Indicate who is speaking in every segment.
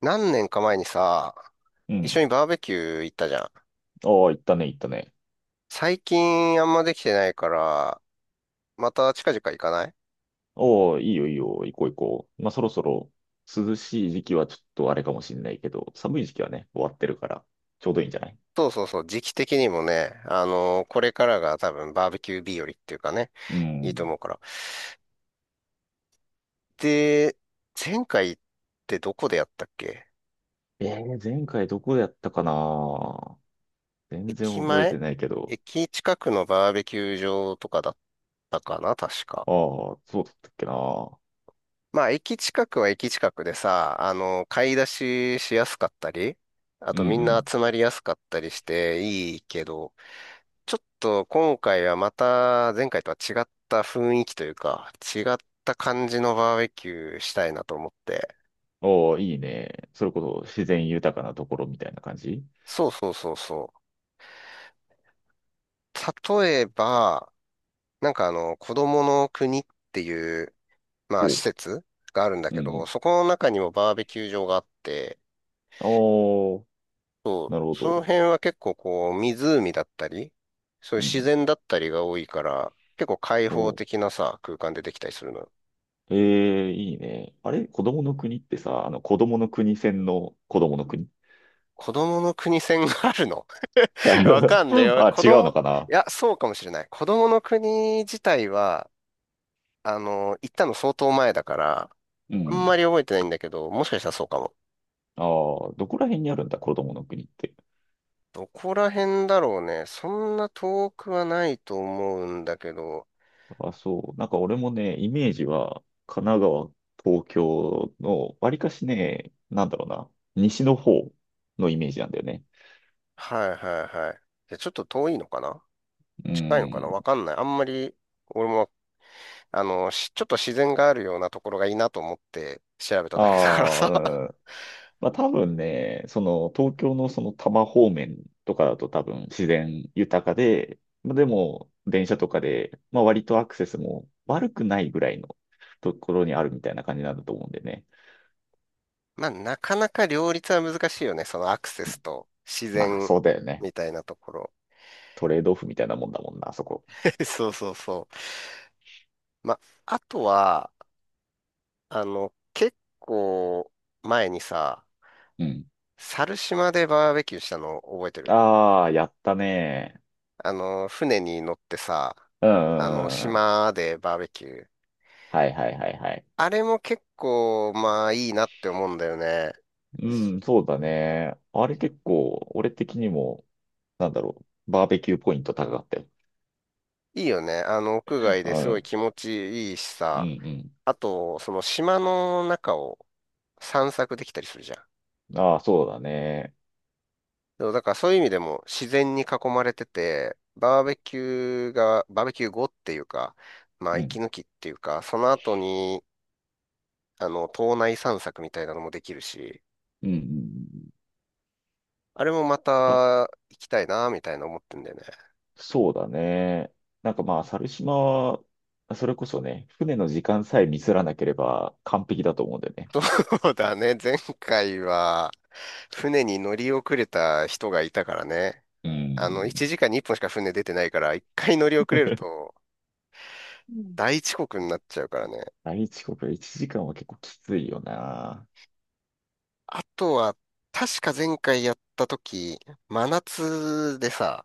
Speaker 1: 何年か前にさ、
Speaker 2: う
Speaker 1: 一緒
Speaker 2: ん。
Speaker 1: にバーベキュー行ったじゃん。
Speaker 2: ああ、行ったね、行ったね。
Speaker 1: 最近あんまできてないから、また近々行かない？
Speaker 2: ああ、いいよ、いいよ、行こう、行こう。まあ、そろそろ涼しい時期はちょっとあれかもしれないけど、寒い時期はね、終わってるから、ちょうどいいんじゃない？
Speaker 1: そうそうそう、時期的にもね、これからが多分バーベキュー日和っていうかね、
Speaker 2: う
Speaker 1: いいと
Speaker 2: ん。
Speaker 1: 思うから。で、前回ってどこでやったっけ？
Speaker 2: 前回どこやったかな。全然
Speaker 1: 駅
Speaker 2: 覚え
Speaker 1: 前
Speaker 2: てないけど。
Speaker 1: 駅近くのバーベキュー場とかだったかな確か。
Speaker 2: ああ、そうだったっけな。
Speaker 1: まあ、駅近くは駅近くでさ、買い出ししやすかったり、あ
Speaker 2: う
Speaker 1: とみんな
Speaker 2: ん
Speaker 1: 集まりやすかったりしていいけど、ちょっと今回はまた前回とは違った雰囲気というか、違った感じのバーベキューしたいなと思って。
Speaker 2: うん。ああ、いいね。それこそ自然豊かなところみたいな感じ？
Speaker 1: そうそうそうそう。例えば、なんか子供の国っていう、ま
Speaker 2: お
Speaker 1: あ、施
Speaker 2: う。
Speaker 1: 設があるんだ
Speaker 2: うん
Speaker 1: け
Speaker 2: う
Speaker 1: ど、
Speaker 2: ん。
Speaker 1: そこの中にもバーベキュー場があって、
Speaker 2: ああ、
Speaker 1: そう、
Speaker 2: なるほ
Speaker 1: その
Speaker 2: ど。
Speaker 1: 辺は結構こう、湖だったり、そうい
Speaker 2: う
Speaker 1: う自
Speaker 2: ん。
Speaker 1: 然だったりが多いから、結構開放
Speaker 2: お、
Speaker 1: 的なさ、空間でできたりするのよ。
Speaker 2: ええ、いいね。あれ、子供の国ってさ、子供の国戦の子供の国？
Speaker 1: 子供の国線があるの？ いやわか
Speaker 2: あ、
Speaker 1: んな
Speaker 2: 違
Speaker 1: いよ。
Speaker 2: うの
Speaker 1: い
Speaker 2: かな？
Speaker 1: や、そうかもしれない。子供の国自体は、行ったの相当前だから、
Speaker 2: う
Speaker 1: あん
Speaker 2: ん。
Speaker 1: まり覚えてないんだけど、もしかしたらそうかも。
Speaker 2: ああ、どこら辺にあるんだ、子供の国って。
Speaker 1: どこら辺だろうね。そんな遠くはないと思うんだけど、
Speaker 2: あ、そう。なんか俺もね、イメージは、神奈川、東京の、わりかしね、なんだろうな、西の方のイメージなんだよね。
Speaker 1: はいはいはい。じゃあちょっと遠いのかな？
Speaker 2: う
Speaker 1: 近いのかな？
Speaker 2: ん。
Speaker 1: わかんない。あんまり、俺も、ちょっと自然があるようなところがいいなと思って調べただけだからさ。
Speaker 2: ああ、まあ多分ね、その東京のその多摩方面とかだと多分自然豊かで、まあでも電車とかで、まあ割とアクセスも悪くないぐらいのところにあるみたいな感じなんだと思うんでね。
Speaker 1: まあ、なかなか両立は難しいよね。そのアクセ
Speaker 2: うん。
Speaker 1: スと自
Speaker 2: まあ
Speaker 1: 然
Speaker 2: そうだよね。
Speaker 1: みたいなところ。
Speaker 2: トレードオフみたいなもんだもんな、あそこ。
Speaker 1: そうそうそう。まあ、あとは、結構前にさ、
Speaker 2: うん。
Speaker 1: 猿島でバーベキューしたの覚えてる？
Speaker 2: ああ、やったね。
Speaker 1: 船に乗ってさ、
Speaker 2: うんうんうんうん。
Speaker 1: 島でバーベキュー。
Speaker 2: はいはいはいはい。
Speaker 1: あれも結構、まあいいなって思うんだよね。
Speaker 2: うん、そうだね。あれ結構、俺的にも、なんだろう、バーベキューポイント高かったよ。
Speaker 1: いいよね。屋外で
Speaker 2: う
Speaker 1: すごい気
Speaker 2: ん、
Speaker 1: 持ちいいし
Speaker 2: うん、う
Speaker 1: さ。
Speaker 2: ん。
Speaker 1: あと、その島の中を散策できたりするじゃん。
Speaker 2: ああ、そうだね。
Speaker 1: でもだからそういう意味でも自然に囲まれてて、バーベキュー後っていうか、まあ
Speaker 2: う
Speaker 1: 息
Speaker 2: ん。
Speaker 1: 抜きっていうか、その後に、島内散策みたいなのもできるし、
Speaker 2: うんうん
Speaker 1: あれもま
Speaker 2: うん。あ、
Speaker 1: た行きたいな、みたいな思ってんだよね。
Speaker 2: そうだね。なんかまあ、猿島は、それこそね、船の時間さえミスらなければ完璧だと思うんだよね。
Speaker 1: そうだね。前回は船に乗り遅れた人がいたからね。
Speaker 2: うん。
Speaker 1: 1時間に1本しか船出てないから、1回乗り遅れると
Speaker 2: うん、
Speaker 1: 大遅刻になっちゃうからね。
Speaker 2: 大遅刻1 時間は結構きついよな。
Speaker 1: あとは、確か前回やった時、真夏でさ、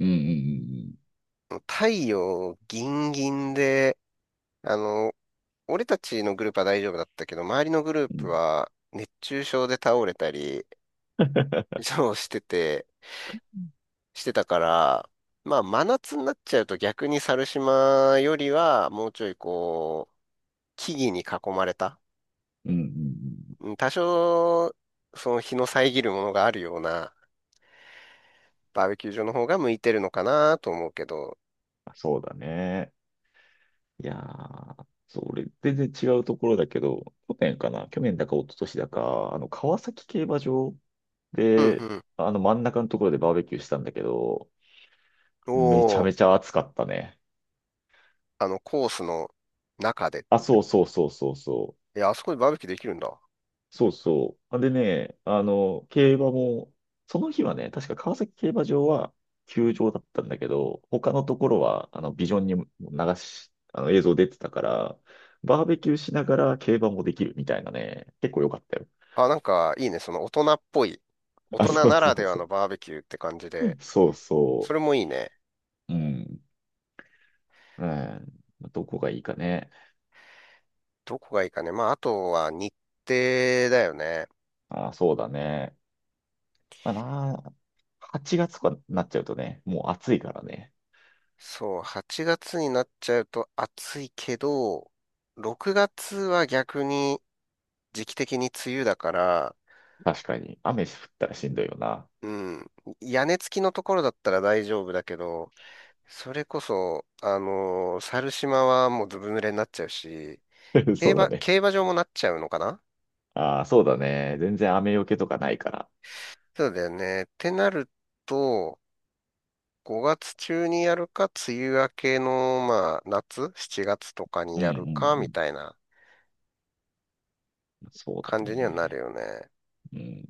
Speaker 2: うんうん
Speaker 1: 太陽ギンギンで、あの、俺たちのグループは大丈夫だったけど、周りのグルー
Speaker 2: うんう
Speaker 1: プ
Speaker 2: ん。
Speaker 1: は熱中症で倒れたり、そうしてて、してたから、まあ真夏になっちゃうと逆に猿島よりはもうちょいこう、木々に囲まれた。
Speaker 2: うんうんうんうん。
Speaker 1: うん、多少、その日の遮るものがあるようなバーベキュー場の方が向いてるのかなと思うけど。
Speaker 2: あ、そうだね。いやー、そう、俺、全然違うところだけど、去年かな、去年だか一昨年だか、川崎競馬場
Speaker 1: うんう
Speaker 2: で、
Speaker 1: ん。
Speaker 2: 真ん中のところでバーベキューしたんだけど、
Speaker 1: お
Speaker 2: めちゃめ
Speaker 1: お、
Speaker 2: ちゃ暑かったね。
Speaker 1: コースの中でっ
Speaker 2: あ、
Speaker 1: て
Speaker 2: そう
Speaker 1: こ
Speaker 2: そうそうそうそう。
Speaker 1: と？いや、あそこでバーベキューできるんだ。
Speaker 2: そうそう。でね、競馬も、その日はね、確か川崎競馬場は休場だったんだけど、他のところは、ビジョンに流し、映像出てたから、バーベキューしながら競馬もできるみたいなね、結構良かったよ。
Speaker 1: あ、なんか、いいね。その大人っぽい。大
Speaker 2: あ、
Speaker 1: 人
Speaker 2: そう
Speaker 1: な
Speaker 2: そ
Speaker 1: ら
Speaker 2: う
Speaker 1: では
Speaker 2: そ
Speaker 1: の
Speaker 2: う。
Speaker 1: バーベキューって感じで。
Speaker 2: そう
Speaker 1: そ
Speaker 2: そ
Speaker 1: れもいいね。
Speaker 2: う。うん。うん。どこがいいかね。
Speaker 1: どこがいいかね。まあ、あとは日程だよね。
Speaker 2: あ、そうだね。まあな、8月とかになっちゃうとね、もう暑いからね。
Speaker 1: そう、8月になっちゃうと暑いけど、6月は逆に時期的に梅雨だから、
Speaker 2: 確かに。雨降ったらしんどいよな。
Speaker 1: うん。屋根付きのところだったら大丈夫だけど、それこそ、猿島はもうずぶ濡れになっちゃうし、
Speaker 2: そうだね。
Speaker 1: 競馬場もなっちゃうのかな？
Speaker 2: ああ、そうだね。全然雨よけとかないから。
Speaker 1: そうだよね。ってなると、5月中にやるか、梅雨明けの、まあ、夏、7月とかに
Speaker 2: うんう
Speaker 1: やるか、み
Speaker 2: ん
Speaker 1: たいな
Speaker 2: うん。そうだ
Speaker 1: 感じにはなる
Speaker 2: ね。
Speaker 1: よね。
Speaker 2: うん。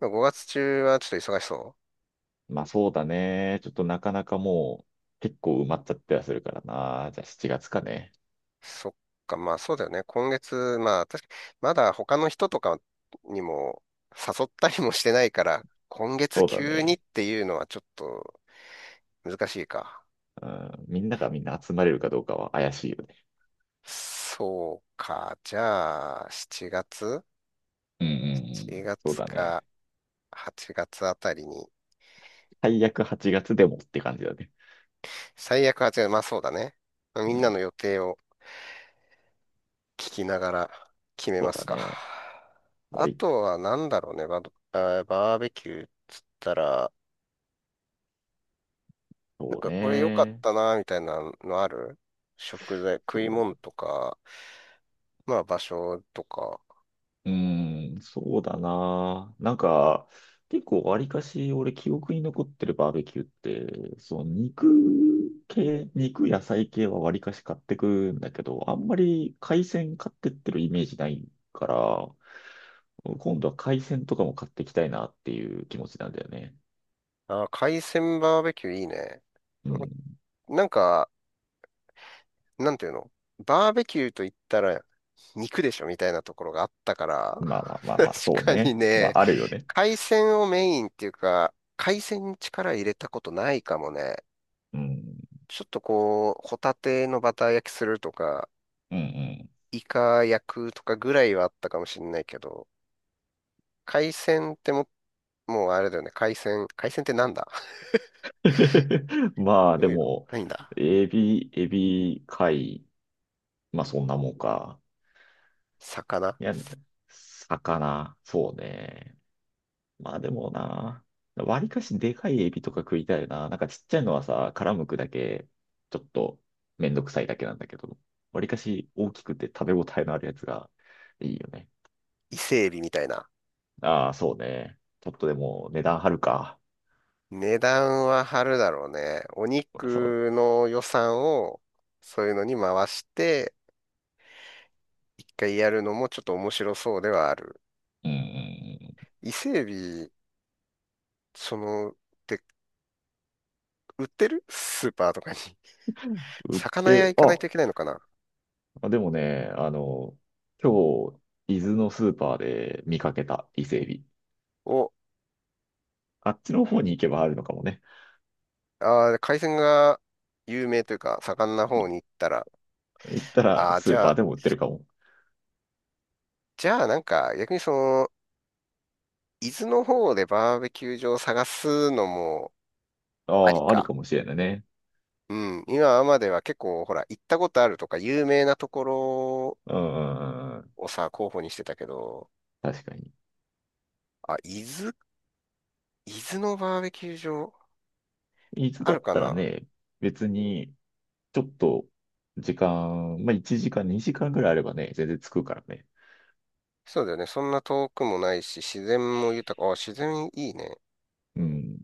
Speaker 1: 5月中はちょっと忙しそう。
Speaker 2: まあそうだね。ちょっとなかなかもう結構埋まっちゃったりはするからな。じゃあ7月かね。
Speaker 1: そっか、まあそうだよね。今月、まあ確かまだ他の人とかにも誘ったりもしてないから、今月
Speaker 2: そうだ
Speaker 1: 急にっ
Speaker 2: ね。
Speaker 1: ていうのはちょっと難しいか。
Speaker 2: うん。みんながみんな集まれるかどうかは怪しいよね。
Speaker 1: そうか、じゃあ7月
Speaker 2: うんうんうん。
Speaker 1: ?7
Speaker 2: そう
Speaker 1: 月
Speaker 2: だ
Speaker 1: か
Speaker 2: ね。
Speaker 1: 8月あたりに、
Speaker 2: 最悪8月でもって感じだね。
Speaker 1: 最悪8月、まあそうだね。み
Speaker 2: う
Speaker 1: んな
Speaker 2: ん。
Speaker 1: の予定を聞きながら決め
Speaker 2: そ
Speaker 1: ま
Speaker 2: うだ
Speaker 1: すか。
Speaker 2: ね。は
Speaker 1: あ
Speaker 2: い。
Speaker 1: とは何だろうね、バーベキューっつったら、なん
Speaker 2: そう
Speaker 1: かこれ良かっ
Speaker 2: ね。
Speaker 1: たな、みたいなのある？食材、食い
Speaker 2: そ
Speaker 1: 物
Speaker 2: う、
Speaker 1: とか、まあ場所とか。
Speaker 2: うーん、そうだな。なんか、結構わりかし俺記憶に残ってるバーベキューって、その肉系、肉野菜系はわりかし買ってくんだけど、あんまり海鮮買ってってるイメージないから、今度は海鮮とかも買っていきたいなっていう気持ちなんだよね。
Speaker 1: あー、海鮮バーベキューいいね。
Speaker 2: うん。
Speaker 1: なんか、なんていうの？バーベキューと言ったら肉でしょみたいなところがあったから、
Speaker 2: まあまあま あ
Speaker 1: 確
Speaker 2: まあ、そう
Speaker 1: かに
Speaker 2: ね。ま
Speaker 1: ね、
Speaker 2: ああるよね。
Speaker 1: 海鮮をメインっていうか、海鮮に力入れたことないかもね。
Speaker 2: うん。
Speaker 1: ちょっとこう、ホタテのバター焼きするとか、
Speaker 2: うん
Speaker 1: イカ焼くとかぐらいはあったかもしれないけど、海鮮ってもうあれだよね。海鮮。海鮮ってなんだ？
Speaker 2: うん。ま あ
Speaker 1: ど
Speaker 2: で
Speaker 1: ういうの
Speaker 2: も、
Speaker 1: ないんだ？
Speaker 2: エビ、エビ、貝、まあそんなもんか。
Speaker 1: 魚。
Speaker 2: いや、魚、そうね。まあでもな、わりかしでかいエビとか食いたいな。なんかちっちゃいのはさ、殻むくだけ、ちょっとめんどくさいだけなんだけど、わりかし大きくて食べ応えのあるやつがいいよね。
Speaker 1: 伊勢海老みたいな。
Speaker 2: ああ、そうね。ちょっとでも値段張るか。
Speaker 1: 値段は張るだろうね。お
Speaker 2: そう。
Speaker 1: 肉の予算をそういうのに回して、一回やるのもちょっと面白そうではある。
Speaker 2: うんうん
Speaker 1: 伊勢海老、って売ってるスーパーとかに？
Speaker 2: うん。売っ
Speaker 1: 魚屋
Speaker 2: て、
Speaker 1: 行かない
Speaker 2: あ、
Speaker 1: といけないのかな？
Speaker 2: でもね、今日、伊豆のスーパーで見かけた伊勢エビ。
Speaker 1: お。
Speaker 2: あっちの方に行けばあるのかもね。
Speaker 1: あー、海鮮が有名というか、盛んな方に行ったら、
Speaker 2: 行ったら
Speaker 1: ああ、
Speaker 2: ス
Speaker 1: じ
Speaker 2: ー
Speaker 1: ゃ
Speaker 2: パー
Speaker 1: あ、
Speaker 2: でも売ってるかも。
Speaker 1: じゃあなんか逆に伊豆の方でバーベキュー場を探すのも
Speaker 2: あ
Speaker 1: あり
Speaker 2: あ、あり
Speaker 1: か。
Speaker 2: かもしれないね。
Speaker 1: うん。今までは結構、ほら、行ったことあるとか、有名なところ
Speaker 2: うん、うんうんうん。
Speaker 1: をさ、候補にしてたけど、
Speaker 2: 確かに。
Speaker 1: あ、伊豆のバーベキュー場
Speaker 2: 伊豆
Speaker 1: あ
Speaker 2: だ
Speaker 1: る
Speaker 2: っ
Speaker 1: か
Speaker 2: たら
Speaker 1: な？
Speaker 2: ね、別に、ちょっと、時間、まあ、1時間、2時間ぐらいあればね、全然着くからね。
Speaker 1: そうだよね。そんな遠くもないし、自然も豊か。あ、自然いいね。
Speaker 2: うん。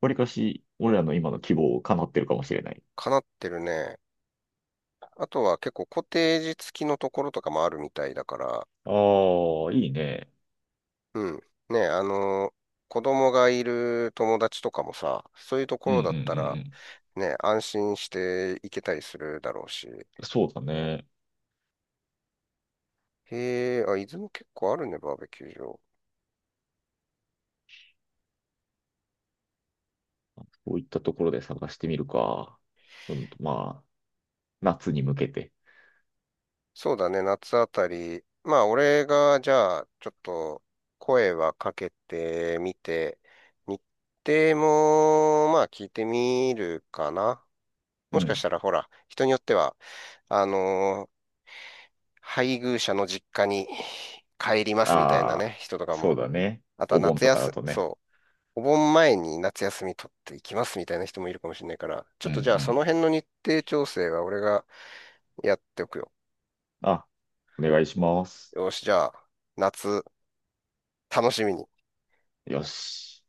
Speaker 2: わりかし、俺らの今の希望を叶ってるかもしれない。
Speaker 1: かなってるね。あとは結構コテージ付きのところとかもあるみたいだから、
Speaker 2: ああ、いいね。
Speaker 1: うん。ね、子供がいる友達とかもさ、そういうとこ
Speaker 2: うんうん
Speaker 1: ろだった
Speaker 2: う
Speaker 1: ら、
Speaker 2: ん
Speaker 1: ね、安心して行けたりするだろうし。
Speaker 2: うん。そうだね。
Speaker 1: へえ、あ、伊豆も結構あるね、バーベキュー場。
Speaker 2: こういったところで探してみるか。うん、まあ、夏に向けて。
Speaker 1: そうだね、夏あたり。まあ、俺が、じゃあ、ちょっと、声はかけてみて、日程も、まあ、聞いてみるかな。
Speaker 2: う
Speaker 1: もしかし
Speaker 2: ん。
Speaker 1: たら、ほら、人によっては、あの配偶者の実家に帰りますみたいな
Speaker 2: あ
Speaker 1: ね、
Speaker 2: あ、
Speaker 1: 人とか
Speaker 2: そう
Speaker 1: も。
Speaker 2: だね。
Speaker 1: あとは
Speaker 2: お盆
Speaker 1: 夏
Speaker 2: とか
Speaker 1: 休
Speaker 2: だ
Speaker 1: み、
Speaker 2: とね。
Speaker 1: そう、お盆前に夏休み取っていきますみたいな人もいるかもしれないから、ちょっ
Speaker 2: うん
Speaker 1: とじゃあ
Speaker 2: う
Speaker 1: その
Speaker 2: ん、
Speaker 1: 辺の日程調整は俺がやっておくよ。
Speaker 2: あ、お願いします。
Speaker 1: よし、じゃあ、夏、楽しみに。
Speaker 2: よし。